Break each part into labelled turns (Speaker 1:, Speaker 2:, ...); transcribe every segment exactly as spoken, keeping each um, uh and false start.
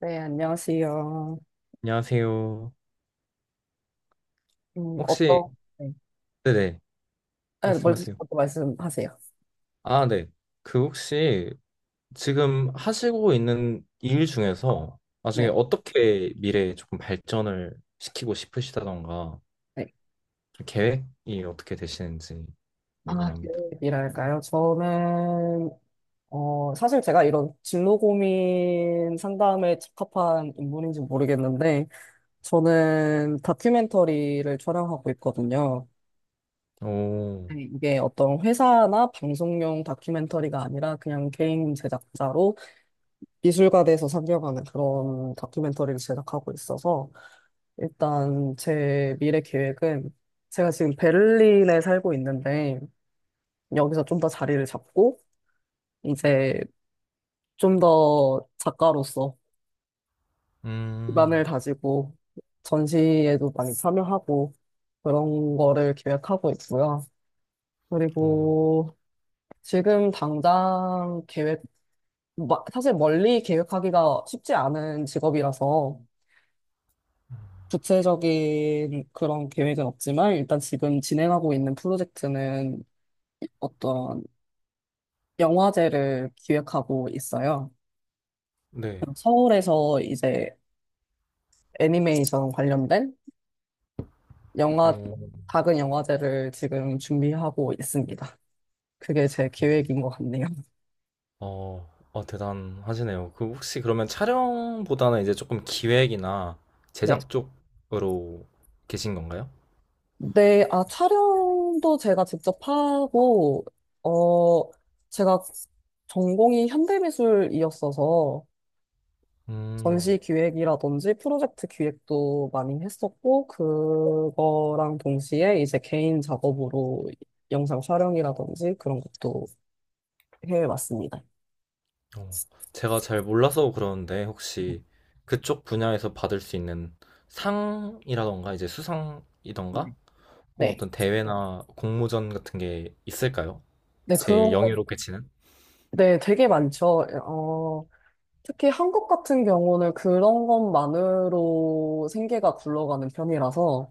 Speaker 1: 네, 안녕하세요.
Speaker 2: 안녕하세요.
Speaker 1: 음,
Speaker 2: 혹시,
Speaker 1: 어떤, 네.
Speaker 2: 네네,
Speaker 1: 아, 먼저
Speaker 2: 말씀하세요.
Speaker 1: 어떤 말씀하세요.
Speaker 2: 아, 네. 그 혹시 지금 하시고 있는 일 중에서 나중에
Speaker 1: 네.
Speaker 2: 어떻게 미래에 조금 발전을 시키고 싶으시다던가
Speaker 1: 네.
Speaker 2: 좀 계획이 어떻게 되시는지
Speaker 1: 아,
Speaker 2: 궁금합니다.
Speaker 1: 계획이랄까요? 저는, 어, 사실 제가 이런 진로 고민 상담에 적합한 인물인지 모르겠는데, 저는 다큐멘터리를 촬영하고 있거든요.
Speaker 2: 오,
Speaker 1: 네, 이게 어떤 회사나 방송용 다큐멘터리가 아니라 그냥 개인 제작자로 미술가 돼서 상영하는 그런 다큐멘터리를 제작하고 있어서, 일단 제 미래 계획은 제가 지금 베를린에 살고 있는데 여기서 좀 더 자리를 잡고 이제 좀 더 작가로서
Speaker 2: 음,
Speaker 1: 기반을 다지고 전시에도 많이 참여하고 그런 거를 계획하고 있고요.
Speaker 2: 오,
Speaker 1: 그리고 지금 당장 계획, 마- 사실 멀리 계획하기가 쉽지 않은 직업이라서 구체적인 그런 계획은 없지만 일단 지금 진행하고 있는 프로젝트는 어떤 영화제를 기획하고 있어요.
Speaker 2: 네.
Speaker 1: 서울에서 이제 애니메이션 관련된 영화,
Speaker 2: 오,
Speaker 1: 작은 영화제를 지금 준비하고 있습니다. 그게 제 계획인 것 같네요.
Speaker 2: 어, 어, 대단하시네요. 그 혹시 그러면 촬영보다는 이제 조금 기획이나
Speaker 1: 네.
Speaker 2: 제작 쪽으로 계신 건가요?
Speaker 1: 네, 아, 촬영도 제가 직접 하고, 어, 제가 전공이 현대미술이었어서,
Speaker 2: 음.
Speaker 1: 전시 기획이라든지 프로젝트 기획도 많이 했었고, 그거랑 동시에 이제 개인 작업으로 영상 촬영이라든지 그런 것도 해왔습니다.
Speaker 2: 어, 제가 잘 몰라서 그러는데 혹시 그쪽 분야에서 받을 수 있는 상이라던가 이제
Speaker 1: 네.
Speaker 2: 수상이던가 혹은
Speaker 1: 네.
Speaker 2: 어떤 대회나 공모전 같은 게 있을까요?
Speaker 1: 네, 그런
Speaker 2: 제일
Speaker 1: 거,
Speaker 2: 영예롭게 치는?
Speaker 1: 네, 되게 많죠. 어, 특히 한국 같은 경우는 그런 것만으로 생계가 굴러가는 편이라서,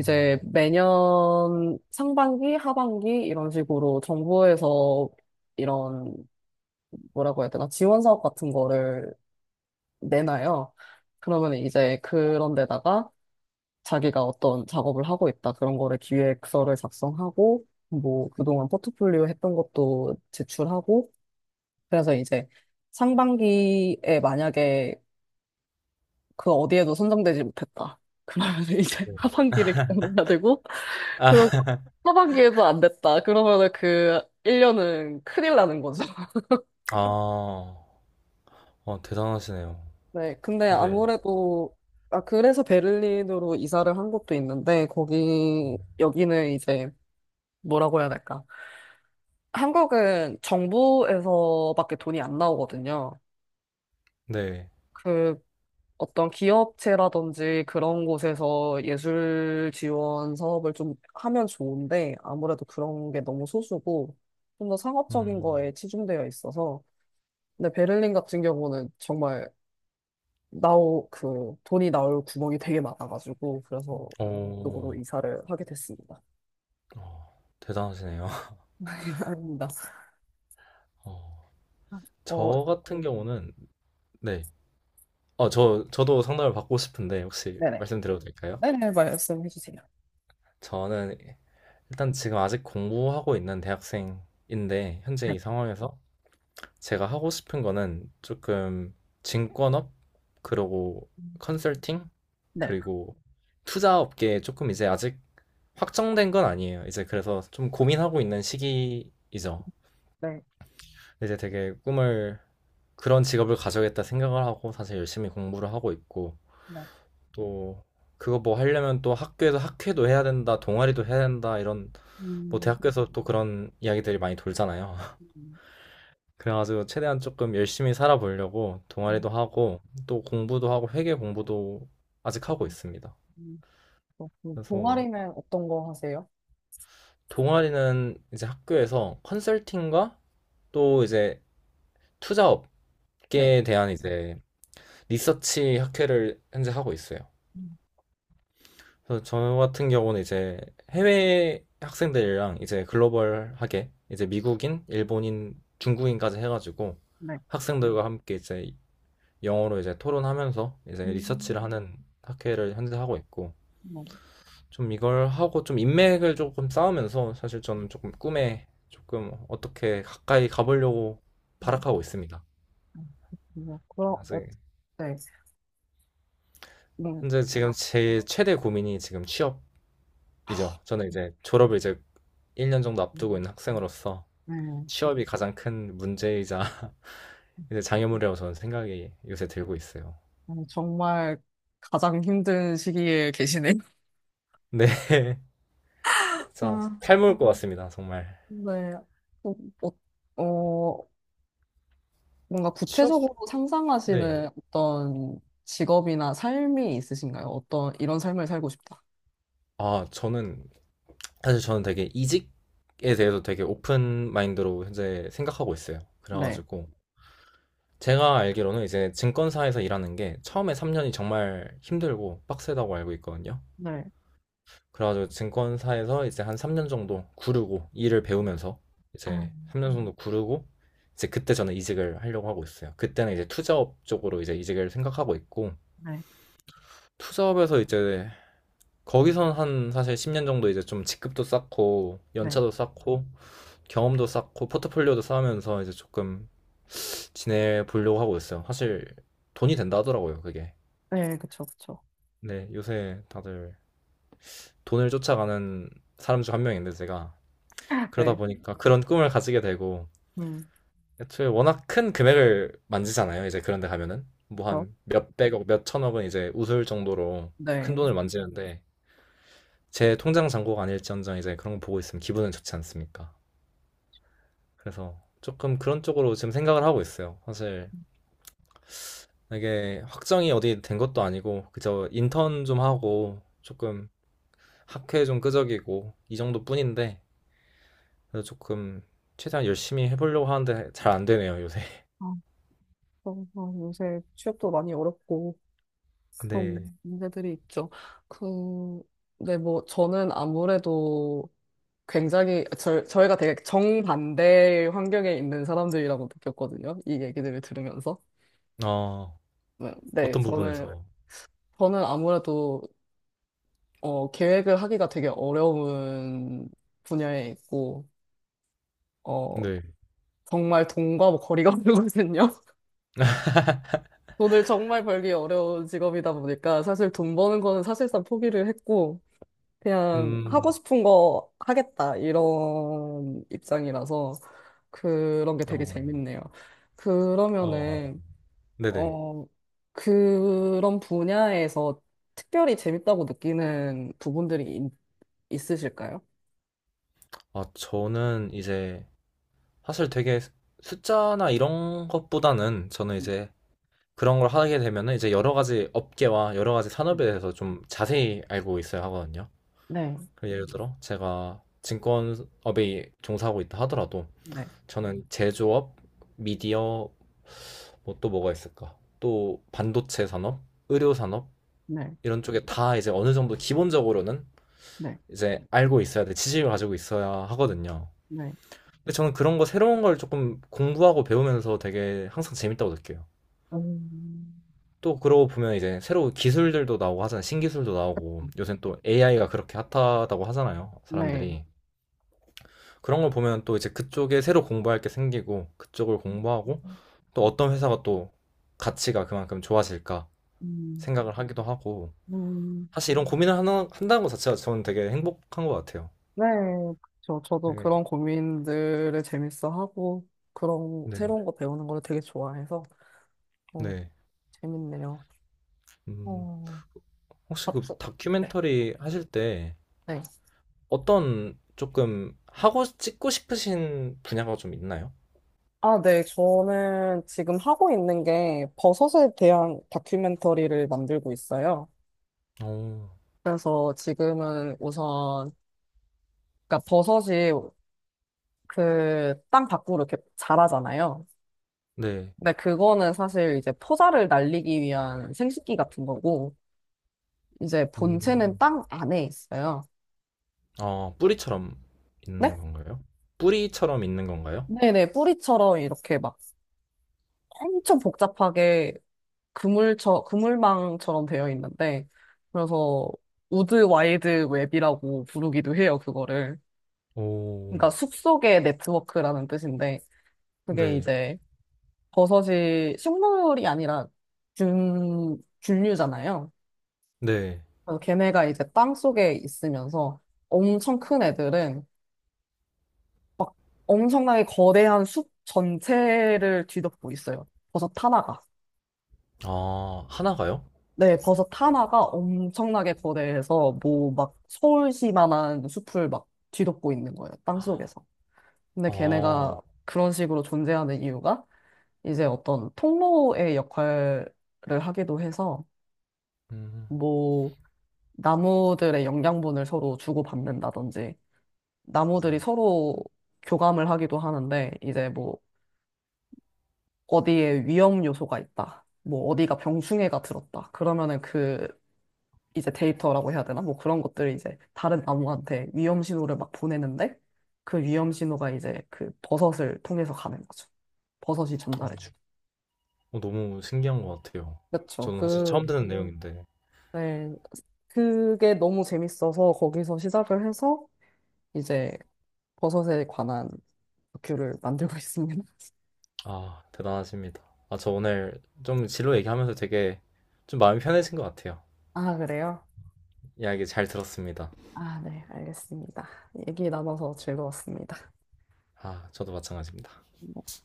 Speaker 2: 어,
Speaker 1: 매년 상반기, 하반기 이런 식으로 정부에서 이런, 뭐라고 해야 되나, 지원 사업 같은 거를 내놔요. 그러면 이제 그런 데다가 자기가 어떤 작업을 하고 있다. 그런 거를 기획서를 작성하고, 뭐, 그동안 포트폴리오 했던 것도 제출하고, 그래서 이제 상반기에 만약에 그 어디에도 선정되지 못했다. 그러면 이제
Speaker 2: 네.
Speaker 1: 하반기를 경험해야 되고, 그리고
Speaker 2: 아,
Speaker 1: 하반기에도 안 됐다. 그러면은 그 일 년은 큰일 나는 거죠.
Speaker 2: 아, 어, 대단하시네요.
Speaker 1: 네, 근데
Speaker 2: 네,
Speaker 1: 아무래도, 아, 그래서 베를린으로 이사를 한 것도 있는데, 거기, 여기는 이제, 뭐라고 해야 될까. 한국은 정부에서밖에 돈이 안 나오거든요.
Speaker 2: 네.
Speaker 1: 그, 어떤 기업체라든지 그런 곳에서 예술 지원 사업을 좀 하면 좋은데, 아무래도 그런 게 너무 소수고, 좀 더 상업적인
Speaker 2: 음,
Speaker 1: 거에 치중되어 있어서, 근데 베를린 같은 경우는 정말 나오 그 돈이 나올 구멍이 되게 많아가지고 그래서 이 쪽으로
Speaker 2: 어,
Speaker 1: 이사를 하게 됐습니다.
Speaker 2: 어, 대단하시네요.
Speaker 1: 아닙니다.
Speaker 2: 어,
Speaker 1: 어,
Speaker 2: 저 같은 경우는, 네. 어, 저, 저도 상담을 받고 싶은데, 혹시
Speaker 1: 네네.
Speaker 2: 말씀드려도 될까요?
Speaker 1: 네네, 말씀해 주세요.
Speaker 2: 저는 일단 지금 아직 공부하고 있는 대학생인데, 현재
Speaker 1: 네,
Speaker 2: 이 상황에서 제가 하고 싶은 거는 조금 증권업, 그리고 컨설팅,
Speaker 1: 네,
Speaker 2: 그리고 투자 업계에 조금 이제 아직 확정된 건 아니에요. 이제 그래서 좀 고민하고 있는 시기이죠.
Speaker 1: 네,
Speaker 2: 이제 되게 꿈을 그런 직업을 가져야겠다 생각을 하고 사실 열심히 공부를 하고 있고
Speaker 1: 네.
Speaker 2: 또 그거 뭐 하려면 또 학교에서 학회도 해야 된다, 동아리도 해야 된다 이런 뭐
Speaker 1: 음,
Speaker 2: 대학교에서 또 그런 이야기들이 많이 돌잖아요.
Speaker 1: 음,
Speaker 2: 그래가지고 최대한 조금 열심히 살아보려고
Speaker 1: 음,
Speaker 2: 동아리도 하고 또 공부도 하고 회계 공부도 아직 하고 있습니다.
Speaker 1: 음. 어, 그
Speaker 2: 그래서
Speaker 1: 동아리는 어떤 거 하세요?
Speaker 2: 동아리는 이제 학교에서 컨설팅과 또 이제 투자
Speaker 1: 네.
Speaker 2: 업계에 대한 이제 리서치 학회를 현재 하고 있어요.
Speaker 1: 음,
Speaker 2: 그래서 저 같은 경우는 이제 해외 학생들이랑 이제 글로벌하게 이제 미국인, 일본인, 중국인까지 해가지고
Speaker 1: 네.
Speaker 2: 학생들과 함께 이제 영어로 이제 토론하면서 이제
Speaker 1: 음,
Speaker 2: 리서치를 하는 학회를 현재 하고 있고
Speaker 1: 뭐,
Speaker 2: 좀 이걸 하고 좀 인맥을 조금 쌓으면서 사실
Speaker 1: 음,
Speaker 2: 저는 조금 꿈에 조금 어떻게 가까이 가보려고
Speaker 1: 네.
Speaker 2: 발악하고 있습니다.
Speaker 1: 음, 뭐, 그럼, 어,
Speaker 2: 아직
Speaker 1: 네. 음,
Speaker 2: 현재 지금 제 최대 고민이 지금
Speaker 1: 아,
Speaker 2: 취업이죠. 저는 이제 졸업을 이제 일 년 정도 앞두고
Speaker 1: 음,
Speaker 2: 있는 학생으로서
Speaker 1: 네.
Speaker 2: 취업이 가장 큰 문제이자 이제 장애물이라고 저는 생각이 요새 들고 있어요.
Speaker 1: 음, 정말 가장 힘든 시기에 계시네요.
Speaker 2: 네, 진짜
Speaker 1: 아,
Speaker 2: 탈모일 것 같습니다, 정말.
Speaker 1: 네. 어, 어, 어, 뭔가
Speaker 2: 취업?
Speaker 1: 구체적으로
Speaker 2: 네.
Speaker 1: 상상하시는 어떤 직업이나 삶이 있으신가요? 어떤 이런 삶을 살고 싶다.
Speaker 2: 아, 저는 사실 저는 되게 이직에 대해서 되게 오픈 마인드로 현재 생각하고 있어요.
Speaker 1: 네.
Speaker 2: 그래가지고 제가 알기로는 이제 증권사에서 일하는 게 처음에 삼 년이 정말 힘들고 빡세다고 알고 있거든요.
Speaker 1: 네.
Speaker 2: 그래가지고 증권사에서 이제 한 삼 년 정도 구르고 일을 배우면서
Speaker 1: 아,
Speaker 2: 이제 삼 년 정도 구르고 이제 그때 저는 이직을 하려고 하고 있어요. 그때는 이제 투자업 쪽으로 이제 이직을 생각하고 있고
Speaker 1: 네.
Speaker 2: 투자업에서 이제 거기선 한 사실 십 년 정도 이제 좀 직급도 쌓고
Speaker 1: 네.
Speaker 2: 연차도 쌓고 경험도 쌓고 포트폴리오도 쌓으면서 이제 조금 지내보려고 하고 있어요. 사실 돈이 된다 하더라고요, 그게.
Speaker 1: 네, 그쵸, 그쵸.
Speaker 2: 네, 요새 다들 돈을 쫓아가는 사람 중 한 명인데 제가 그러다
Speaker 1: 네.
Speaker 2: 보니까 그런 꿈을 가지게 되고
Speaker 1: 음,
Speaker 2: 애초에 워낙 큰 금액을 만지잖아요. 이제 그런 데 가면은 뭐
Speaker 1: 그쵸.
Speaker 2: 한 몇백억, 몇천억은 이제 웃을 정도로 큰
Speaker 1: 네.
Speaker 2: 돈을 만지는데 제 통장 잔고가 아닐지언정 이제 그런 거 보고 있으면 기분은 좋지 않습니까? 그래서 조금 그런 쪽으로 지금 생각을 하고 있어요. 사실 이게 확정이 어디 된 것도 아니고 그저 인턴 좀 하고 조금 학회 좀 끄적이고 이 정도뿐인데 그래서 조금 최대한 열심히 해보려고 하는데 잘 안 되네요, 요새.
Speaker 1: 아, 그럼, 어, 요새 취업도 많이 어렵고 그런
Speaker 2: 네.
Speaker 1: 문제들이 있죠. 그, 네, 뭐, 저는 아무래도 굉장히 저, 저희가 되게 정반대의 환경에 있는 사람들이라고 느꼈거든요. 이 얘기들을 들으면서.
Speaker 2: 어,
Speaker 1: 네, 네,
Speaker 2: 어떤
Speaker 1: 저는
Speaker 2: 부분에서?
Speaker 1: 저는 아무래도 어, 계획을 하기가 되게 어려운 분야에 있고 어,
Speaker 2: 네.
Speaker 1: 정말 돈과 뭐 거리가 멀거든요. 돈을 정말 벌기 어려운 직업이다 보니까 사실 돈 버는 거는 사실상 포기를 했고 그냥 하고
Speaker 2: 음,
Speaker 1: 싶은 거 하겠다 이런 입장이라서 그런 게 되게
Speaker 2: 어,
Speaker 1: 재밌네요.
Speaker 2: 어,
Speaker 1: 그러면은
Speaker 2: 네네.
Speaker 1: 어, 그런 분야에서 특별히 재밌다고 느끼는 부분들이 있- 있으실까요?
Speaker 2: 아, 저는 이제 사실 되게 숫- 숫자나 이런 것보다는 저는 이제 그런 걸 하게 되면은 이제 여러 가지 업계와 여러 가지 산업에 대해서 좀 자세히 알고 있어야 하거든요.
Speaker 1: 네,
Speaker 2: 그 예를 들어 제가 증권업에 종사하고 있다 하더라도
Speaker 1: 네,
Speaker 2: 저는 제조업, 미디어, 뭐 또 뭐가 있을까? 또 반도체 산업, 의료 산업
Speaker 1: 네,
Speaker 2: 이런 쪽에 다 이제 어느 정도 기본적으로는
Speaker 1: 네,
Speaker 2: 이제 알고 있어야 돼. 지식을 가지고 있어야 하거든요.
Speaker 1: 네.
Speaker 2: 근데 저는 그런 거 새로운 걸 조금 공부하고 배우면서 되게 항상 재밌다고 느껴요.
Speaker 1: 음,
Speaker 2: 또 그러고 보면 이제 새로운 기술들도 나오고 하잖아요. 신기술도 나오고 요새 또 에이아이가 그렇게 핫하다고 하잖아요.
Speaker 1: 네.
Speaker 2: 사람들이. 그런 걸 보면 또 이제 그쪽에 새로 공부할 게 생기고 그쪽을 공부하고 또 어떤 회사가 또 가치가 그만큼 좋아질까
Speaker 1: 음,
Speaker 2: 생각을 하기도 하고
Speaker 1: 음,
Speaker 2: 사실 이런 고민을 하나, 한다는 것 자체가 저는 되게 행복한 것 같아요.
Speaker 1: 네. 저, 저도
Speaker 2: 네.
Speaker 1: 그런 고민들을 재밌어 하고, 그런
Speaker 2: 네.
Speaker 1: 새로운 거 배우는 걸 되게 좋아해서, 어,
Speaker 2: 네.
Speaker 1: 재밌네요.
Speaker 2: 음.
Speaker 1: 어,
Speaker 2: 혹시 그
Speaker 1: 갑자 네,
Speaker 2: 다큐멘터리 하실 때
Speaker 1: 네.
Speaker 2: 어떤 조금 하고 찍고 싶으신 분야가 좀 있나요?
Speaker 1: 아, 네. 저는 지금 하고 있는 게 버섯에 대한 다큐멘터리를 만들고 있어요.
Speaker 2: 오,
Speaker 1: 그래서 지금은 우선, 그러니까 버섯이 그 땅 밖으로 이렇게 자라잖아요.
Speaker 2: 네.
Speaker 1: 근데 그거는 사실 이제 포자를 날리기 위한 생식기 같은 거고, 이제 본체는
Speaker 2: 음,
Speaker 1: 땅 안에 있어요.
Speaker 2: 아, 뿌리처럼
Speaker 1: 네?
Speaker 2: 있는 건가요? 뿌리처럼 있는 건가요?
Speaker 1: 네네. 뿌리처럼 이렇게 막 엄청 복잡하게 그물처, 그물망처럼 되어 있는데, 그래서 우드 와이드 웹이라고 부르기도 해요, 그거를.
Speaker 2: 오,
Speaker 1: 그러니까 숲속의 네트워크라는 뜻인데, 그게
Speaker 2: 네.
Speaker 1: 이제 버섯이 식물이 아니라 균, 균류잖아요.
Speaker 2: 네.
Speaker 1: 그래서 걔네가 이제 땅 속에 있으면서 엄청 큰 애들은 막 엄청나게 거대한 숲 전체를 뒤덮고 있어요. 버섯 하나가.
Speaker 2: 아, 하나가요?
Speaker 1: 네, 버섯 하나가 엄청나게 거대해서 뭐 막 서울시만한 숲을 막 뒤덮고 있는 거예요. 땅속에서. 근데
Speaker 2: 아,
Speaker 1: 걔네가 그런 식으로 존재하는 이유가 이제 어떤 통로의 역할을 하기도 해서
Speaker 2: 음,
Speaker 1: 뭐 나무들의 영양분을 서로 주고받는다든지 나무들이 서로 교감을 하기도 하는데 이제 뭐 어디에 위험 요소가 있다. 뭐 어디가 병충해가 들었다. 그러면은 그 이제 데이터라고 해야 되나? 뭐 그런 것들을 이제 다른 나무한테 위험 신호를 막 보내는데 그 위험 신호가 이제 그 버섯을 통해서 가는 거죠. 버섯이
Speaker 2: 어,
Speaker 1: 전달해주고.
Speaker 2: 어, 너무 신기한 것 같아요.
Speaker 1: 그렇죠.
Speaker 2: 저는 사실
Speaker 1: 그,
Speaker 2: 처음 듣는 내용인데.
Speaker 1: 네. 그게 너무 재밌어서 거기서 시작을 해서 이제 버섯에 관한 다큐를 만들고 있습니다.
Speaker 2: 아, 대단하십니다. 아, 저 오늘 좀 진로 얘기하면서 되게 좀 마음이 편해진 것 같아요.
Speaker 1: 아, 그래요?
Speaker 2: 이야기 잘 들었습니다.
Speaker 1: 아, 네, 알겠습니다. 얘기 나눠서 즐거웠습니다.
Speaker 2: 아, 저도 마찬가지입니다.
Speaker 1: 네.